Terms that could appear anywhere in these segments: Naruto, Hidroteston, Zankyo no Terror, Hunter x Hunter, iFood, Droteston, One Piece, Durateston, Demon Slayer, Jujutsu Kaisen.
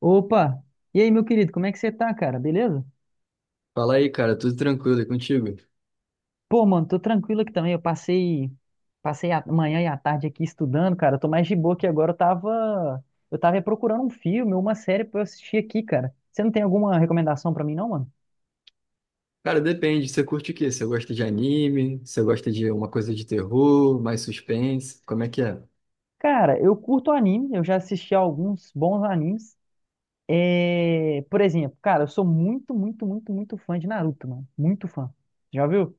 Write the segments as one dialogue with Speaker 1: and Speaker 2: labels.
Speaker 1: Opa! E aí, meu querido, como é que você tá, cara? Beleza?
Speaker 2: Fala aí, cara, tudo tranquilo e contigo?
Speaker 1: Pô, mano, tô tranquilo aqui também. Passei a manhã e a tarde aqui estudando, cara. Eu tô mais de boa aqui agora. Eu tava procurando um filme, uma série pra eu assistir aqui, cara. Você não tem alguma recomendação pra mim, não, mano?
Speaker 2: Cara, depende, você curte o quê? Você gosta de anime? Você gosta de uma coisa de terror, mais suspense? Como é que é?
Speaker 1: Cara, eu curto anime. Eu já assisti a alguns bons animes. É... Por exemplo, cara, eu sou muito, muito, muito, muito fã de Naruto, mano. Muito fã. Já viu?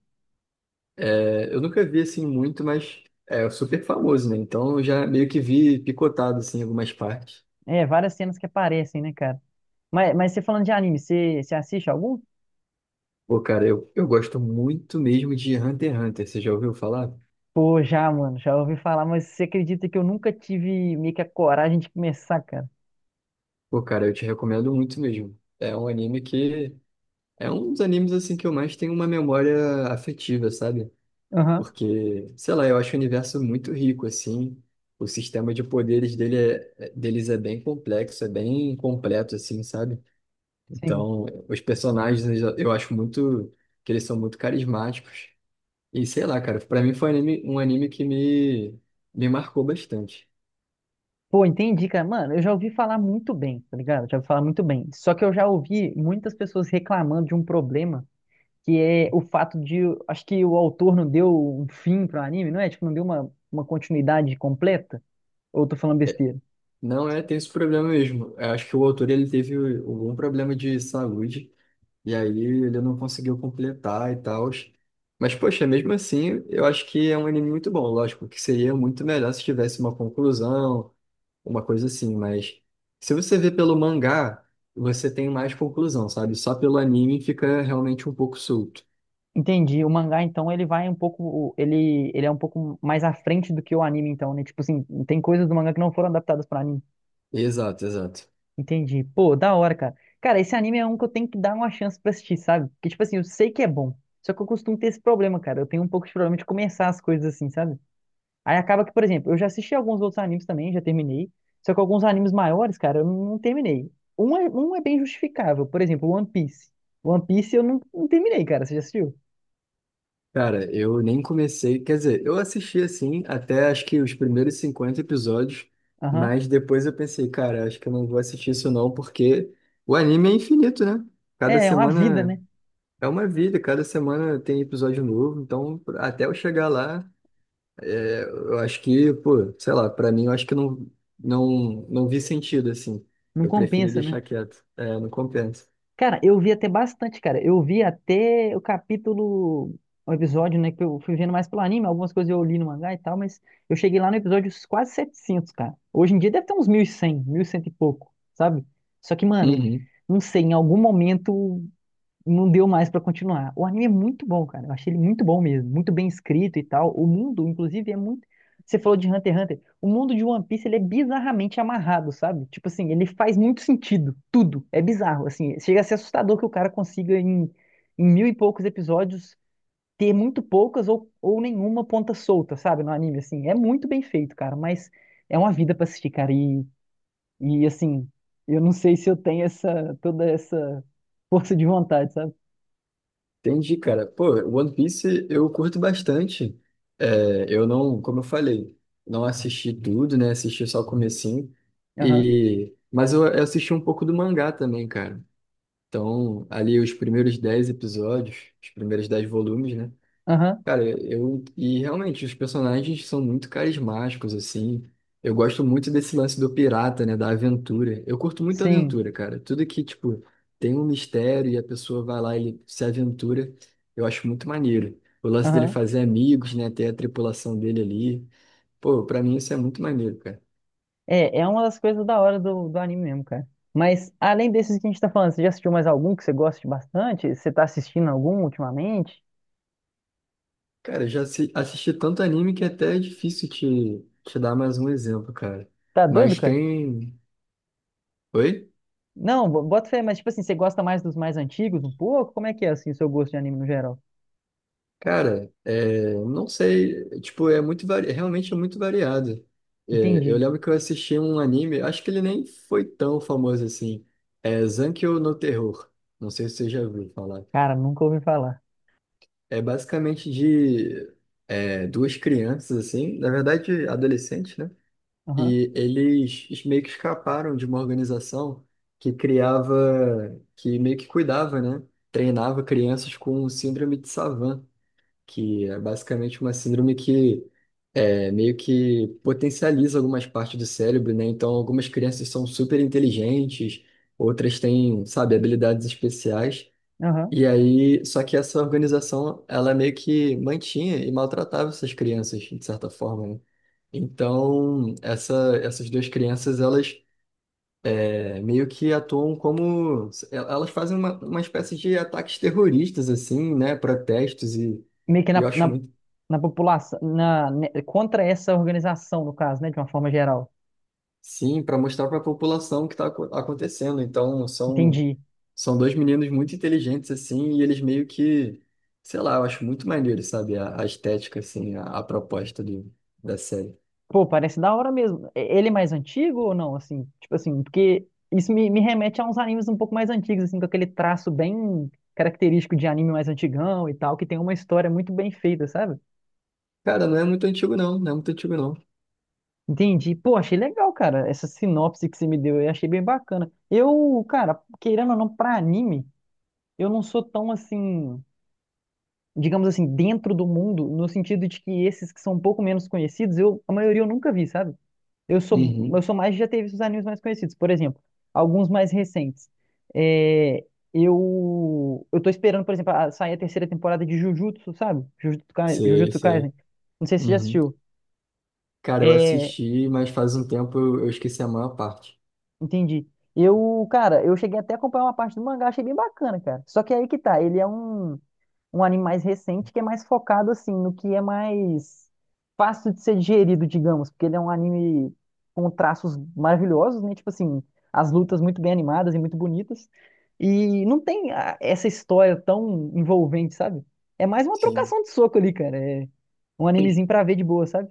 Speaker 2: É, eu nunca vi assim muito, mas é super famoso, né? Então eu já meio que vi picotado assim em algumas partes.
Speaker 1: É, várias cenas que aparecem, né, cara? Mas você falando de anime, você assiste algum?
Speaker 2: Pô, cara, eu gosto muito mesmo de Hunter x Hunter, você já ouviu falar?
Speaker 1: Pô, já, mano, já ouvi falar, mas você acredita que eu nunca tive meio que a coragem de começar, cara?
Speaker 2: Pô, cara, eu te recomendo muito mesmo. É um anime que é um dos animes assim que eu mais tenho uma memória afetiva, sabe?
Speaker 1: Aham,
Speaker 2: Porque, sei lá, eu acho o universo muito rico, assim. O sistema de poderes dele deles é bem complexo, é bem completo, assim, sabe?
Speaker 1: sim.
Speaker 2: Então, os personagens eu acho muito que eles são muito carismáticos. E sei lá, cara, pra mim foi um anime que me marcou bastante.
Speaker 1: Pô, entendi, cara. Mano, eu já ouvi falar muito bem, tá ligado? Já ouvi falar muito bem. Só que eu já ouvi muitas pessoas reclamando de um problema, que é o fato de, acho que o autor não deu um fim pro anime, não é? Tipo, não deu uma continuidade completa? Ou eu tô falando
Speaker 2: É,
Speaker 1: besteira?
Speaker 2: não é, tem esse problema mesmo. Eu acho que o autor ele teve algum problema de saúde. E aí ele não conseguiu completar e tal. Mas, poxa, mesmo assim, eu acho que é um anime muito bom. Lógico que seria muito melhor se tivesse uma conclusão, uma coisa assim. Mas se você vê pelo mangá, você tem mais conclusão, sabe? Só pelo anime fica realmente um pouco solto.
Speaker 1: Entendi. O mangá, então, ele vai um pouco, ele é um pouco mais à frente do que o anime, então, né? Tipo assim, tem coisas do mangá que não foram adaptadas para anime.
Speaker 2: Exato, exato.
Speaker 1: Entendi. Pô, da hora, cara. Cara, esse anime é um que eu tenho que dar uma chance pra assistir, sabe? Porque, tipo assim, eu sei que é bom. Só que eu costumo ter esse problema, cara. Eu tenho um pouco de problema de começar as coisas assim, sabe? Aí acaba que, por exemplo, eu já assisti alguns outros animes também, já terminei. Só que alguns animes maiores, cara, eu não terminei. Um é bem justificável. Por exemplo, One Piece. One Piece eu não terminei, cara. Você já assistiu?
Speaker 2: Cara, eu nem comecei, quer dizer, eu assisti assim até acho que os primeiros 50 episódios,
Speaker 1: Aham.
Speaker 2: mas depois eu pensei, cara, acho que eu não vou assistir isso não, porque o anime é infinito, né? Cada
Speaker 1: É, é uma vida,
Speaker 2: semana
Speaker 1: né?
Speaker 2: é uma vida, cada semana tem episódio novo, então até eu chegar lá, é, eu acho que, pô, sei lá, pra mim eu acho que não não vi sentido assim.
Speaker 1: Não
Speaker 2: Eu preferi
Speaker 1: compensa, né?
Speaker 2: deixar quieto, é, não compensa.
Speaker 1: Cara, eu vi até bastante, cara. Eu vi até o capítulo, o episódio, né? Que eu fui vendo mais pelo anime, algumas coisas eu li no mangá e tal, mas eu cheguei lá no episódio quase 700 cara. Hoje em dia deve ter uns 1100, 1100 e cem e pouco, sabe? Só que, mano,
Speaker 2: Uhum.
Speaker 1: não sei, em algum momento não deu mais pra continuar. O anime é muito bom, cara. Eu achei ele muito bom mesmo, muito bem escrito e tal. O mundo, inclusive, é muito. Você falou de Hunter x Hunter. O mundo de One Piece ele é bizarramente amarrado, sabe? Tipo assim, ele faz muito sentido, tudo. É bizarro, assim. Chega a ser assustador que o cara consiga em mil e poucos episódios ter muito poucas ou nenhuma ponta solta, sabe? No anime, assim. É muito bem feito, cara. Mas é uma vida pra assistir, cara. E assim, eu não sei se eu tenho essa toda essa força de vontade, sabe?
Speaker 2: Entendi, cara. Pô, One Piece eu curto bastante. É, eu não, como eu falei, não assisti tudo, né? Assisti só o comecinho.
Speaker 1: Aham.
Speaker 2: E, mas eu assisti um pouco do mangá também, cara. Então, ali os primeiros 10 episódios, os primeiros 10 volumes, né?
Speaker 1: Aham,
Speaker 2: Cara, eu. E realmente, os personagens são muito carismáticos, assim. Eu gosto muito desse lance do pirata, né? Da aventura. Eu curto muito
Speaker 1: sim.
Speaker 2: aventura, cara. Tudo que, tipo, tem um mistério e a pessoa vai lá e se aventura, eu acho muito maneiro. O lance dele
Speaker 1: Aham.
Speaker 2: fazer amigos, né? Ter a tripulação dele ali. Pô, pra mim isso é muito maneiro, cara.
Speaker 1: É, é uma das coisas da hora do anime mesmo, cara. Mas além desses que a gente tá falando, você já assistiu mais algum que você goste bastante? Você tá assistindo algum ultimamente?
Speaker 2: Cara, eu assisti tanto anime que até é difícil te dar mais um exemplo, cara.
Speaker 1: Tá doido,
Speaker 2: Mas
Speaker 1: cara?
Speaker 2: tem. Oi?
Speaker 1: Não, bota fé, mas tipo assim, você gosta mais dos mais antigos um pouco? Como é que é assim o seu gosto de anime no geral?
Speaker 2: Cara, é, não sei, tipo, é muito vari... realmente é muito variado. É, eu
Speaker 1: Entendi.
Speaker 2: lembro que eu assisti um anime, acho que ele nem foi tão famoso assim. É Zankyo no Terror. Não sei se você já ouviu falar.
Speaker 1: Cara, nunca ouvi falar.
Speaker 2: É basicamente de duas crianças, assim, na verdade, adolescentes, né?
Speaker 1: Aham,
Speaker 2: E eles meio que escaparam de uma organização que criava, que meio que cuidava, né? Treinava crianças com síndrome de Savant que é basicamente uma síndrome que meio que potencializa algumas partes do cérebro, né? Então, algumas crianças são super inteligentes, outras têm, sabe, habilidades especiais.
Speaker 1: aham.
Speaker 2: E aí, só que essa organização, ela meio que mantinha e maltratava essas crianças, de certa forma, né? Então, essas duas crianças, elas meio que atuam como... elas fazem uma espécie de ataques terroristas, assim, né? Protestos
Speaker 1: Meio que
Speaker 2: e eu acho muito
Speaker 1: na população, né, contra essa organização, no caso, né, de uma forma geral.
Speaker 2: sim, para mostrar para a população o que está acontecendo. Então,
Speaker 1: Entendi.
Speaker 2: são dois meninos muito inteligentes, assim, e eles meio que, sei lá, eu acho muito maneiro, sabe? A estética, assim, a proposta do, da série.
Speaker 1: Pô, parece da hora mesmo. Ele é mais antigo ou não? Assim, tipo assim, porque isso me remete a uns animes um pouco mais antigos, assim, com aquele traço bem característico de anime mais antigão e tal, que tem uma história muito bem feita, sabe?
Speaker 2: Cara, não é muito antigo, não. Não é muito antigo, não.
Speaker 1: Entendi. Pô, achei legal, cara. Essa sinopse que você me deu, eu achei bem bacana. Eu, cara, querendo ou não, pra anime, eu não sou tão assim, digamos assim, dentro do mundo, no sentido de que esses que são um pouco menos conhecidos, eu, a maioria eu nunca vi, sabe? Eu
Speaker 2: Uhum.
Speaker 1: sou mais, de já teve os animes mais conhecidos. Por exemplo, alguns mais recentes. É, eu tô esperando, por exemplo, sair a terceira temporada de Jujutsu, sabe?
Speaker 2: Sei,
Speaker 1: Jujutsu Kaisen.
Speaker 2: sei.
Speaker 1: Não sei se você já
Speaker 2: Uhum.
Speaker 1: assistiu.
Speaker 2: Cara, eu
Speaker 1: É,
Speaker 2: assisti, mas faz um tempo eu esqueci a maior parte.
Speaker 1: entendi. Eu, cara, eu cheguei até a acompanhar uma parte do mangá, achei bem bacana, cara. Só que aí que tá, ele é um anime mais recente que é mais focado assim no que é mais fácil de ser digerido, digamos, porque ele é um anime com traços maravilhosos, né? Tipo assim, as lutas muito bem animadas e muito bonitas. E não tem essa história tão envolvente, sabe? É mais uma
Speaker 2: Sim.
Speaker 1: trocação de soco ali, cara. É um animezinho pra ver de boa, sabe?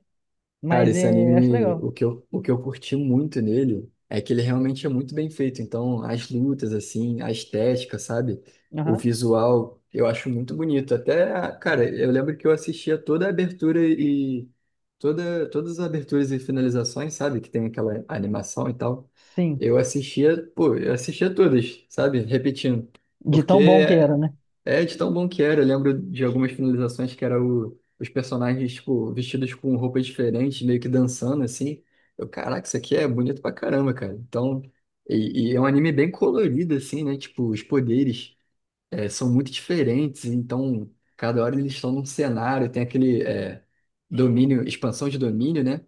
Speaker 2: Cara,
Speaker 1: Mas
Speaker 2: esse
Speaker 1: é, acho
Speaker 2: anime,
Speaker 1: legal.
Speaker 2: o que eu curti muito nele é que ele realmente é muito bem feito. Então, as lutas, assim, a estética, sabe? O
Speaker 1: Aham.
Speaker 2: visual, eu acho muito bonito. Até, cara, eu lembro que eu assistia toda a abertura e todas as aberturas e finalizações, sabe? Que tem aquela animação e tal.
Speaker 1: Sim.
Speaker 2: Eu assistia, pô, eu assistia todas, sabe? Repetindo.
Speaker 1: De tão bom
Speaker 2: Porque
Speaker 1: que era, né?
Speaker 2: é, de tão bom que era. Eu lembro de algumas finalizações que era os personagens, tipo, vestidos com roupas diferentes, meio que dançando, assim. Eu, caraca, isso aqui é bonito pra caramba, cara. Então, e é um anime bem colorido, assim, né? Tipo, os poderes são muito diferentes, então, cada hora eles estão num cenário, tem aquele domínio, expansão de domínio, né?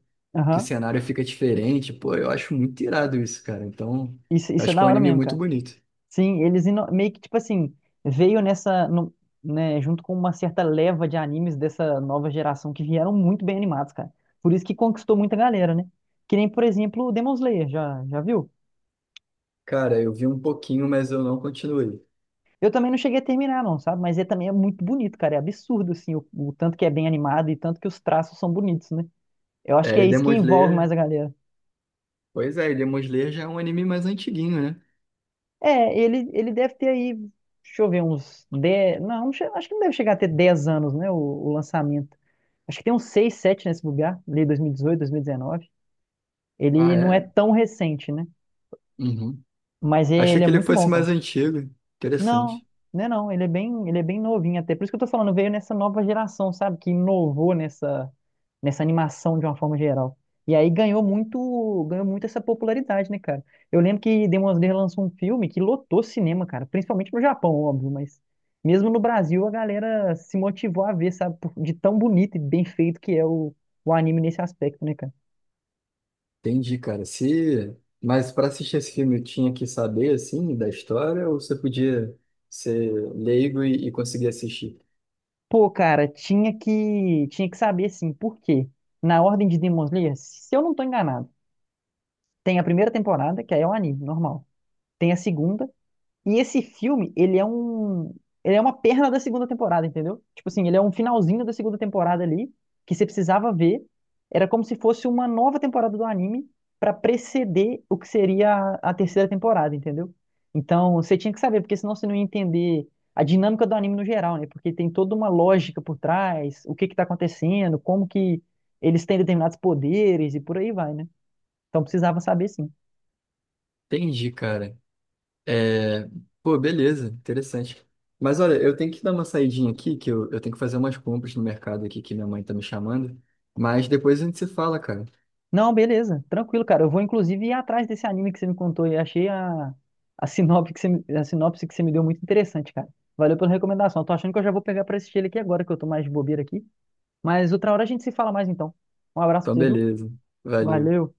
Speaker 2: Que o
Speaker 1: Aham.
Speaker 2: cenário fica diferente. Pô, eu acho muito irado isso, cara. Então,
Speaker 1: Isso,
Speaker 2: eu
Speaker 1: isso é
Speaker 2: acho que
Speaker 1: da
Speaker 2: é um
Speaker 1: hora
Speaker 2: anime
Speaker 1: mesmo,
Speaker 2: muito
Speaker 1: cara.
Speaker 2: bonito.
Speaker 1: Sim, meio que, tipo assim, veio nessa, né, junto com uma certa leva de animes dessa nova geração que vieram muito bem animados, cara. Por isso que conquistou muita galera, né? Que nem, por exemplo, o Demon Slayer, já viu?
Speaker 2: Cara, eu vi um pouquinho, mas eu não continuei.
Speaker 1: Eu também não cheguei a terminar, não, sabe? Mas ele também é muito bonito, cara. É absurdo, assim, o tanto que é bem animado e tanto que os traços são bonitos, né? Eu acho que
Speaker 2: É,
Speaker 1: é
Speaker 2: e
Speaker 1: isso que
Speaker 2: Demon
Speaker 1: envolve mais
Speaker 2: Slayer.
Speaker 1: a galera.
Speaker 2: Pois é, e Demon Slayer já é um anime mais antiguinho, né?
Speaker 1: É, ele deve ter aí, deixa eu ver, uns 10. Não, acho que não deve chegar a ter 10 anos, né? O lançamento. Acho que tem uns 6, 7 nesse lugar, ali 2018, 2019. Ele
Speaker 2: Ah,
Speaker 1: não é
Speaker 2: é?
Speaker 1: tão recente, né?
Speaker 2: Uhum.
Speaker 1: Mas
Speaker 2: Achei
Speaker 1: ele é
Speaker 2: que ele
Speaker 1: muito
Speaker 2: fosse
Speaker 1: bom,
Speaker 2: mais
Speaker 1: cara.
Speaker 2: antigo.
Speaker 1: Não,
Speaker 2: Interessante.
Speaker 1: né não, ele é bem, novinho até. Por isso que eu tô falando, veio nessa nova geração, sabe? Que inovou nessa animação de uma forma geral. E aí ganhou muito essa popularidade, né, cara? Eu lembro que Demon Slayer lançou um filme que lotou cinema, cara, principalmente no Japão, óbvio, mas mesmo no Brasil a galera se motivou a ver, sabe, de tão bonito e bem feito que é o anime nesse aspecto, né, cara?
Speaker 2: Entendi, cara. Se... Mas para assistir esse filme, eu tinha que saber, assim, da história, ou você podia ser leigo e conseguir assistir?
Speaker 1: Pô, cara, tinha que saber assim, por quê? Na ordem de Demon Slayer, se eu não tô enganado, tem a primeira temporada, que aí é um anime normal. Tem a segunda. E esse filme, ele é um. Ele é uma perna da segunda temporada, entendeu? Tipo assim, ele é um finalzinho da segunda temporada ali, que você precisava ver. Era como se fosse uma nova temporada do anime pra preceder o que seria a terceira temporada, entendeu? Então, você tinha que saber, porque senão você não ia entender a dinâmica do anime no geral, né? Porque tem toda uma lógica por trás, o que que tá acontecendo, como que eles têm determinados poderes e por aí vai, né? Então precisava saber sim.
Speaker 2: Entendi, cara. É... Pô, beleza. Interessante. Mas olha, eu tenho que dar uma saidinha aqui, que eu tenho que fazer umas compras no mercado aqui, que minha mãe tá me chamando. Mas depois a gente se fala, cara.
Speaker 1: Não, beleza, tranquilo, cara. Eu vou inclusive ir atrás desse anime que você me contou e achei a sinopse que você me, a sinopse que você me deu muito interessante, cara. Valeu pela recomendação. Eu tô achando que eu já vou pegar pra assistir ele aqui agora, que eu tô mais de bobeira aqui. Mas outra hora a gente se fala mais então. Um abraço pra
Speaker 2: Então,
Speaker 1: você, viu?
Speaker 2: beleza. Valeu.
Speaker 1: Valeu.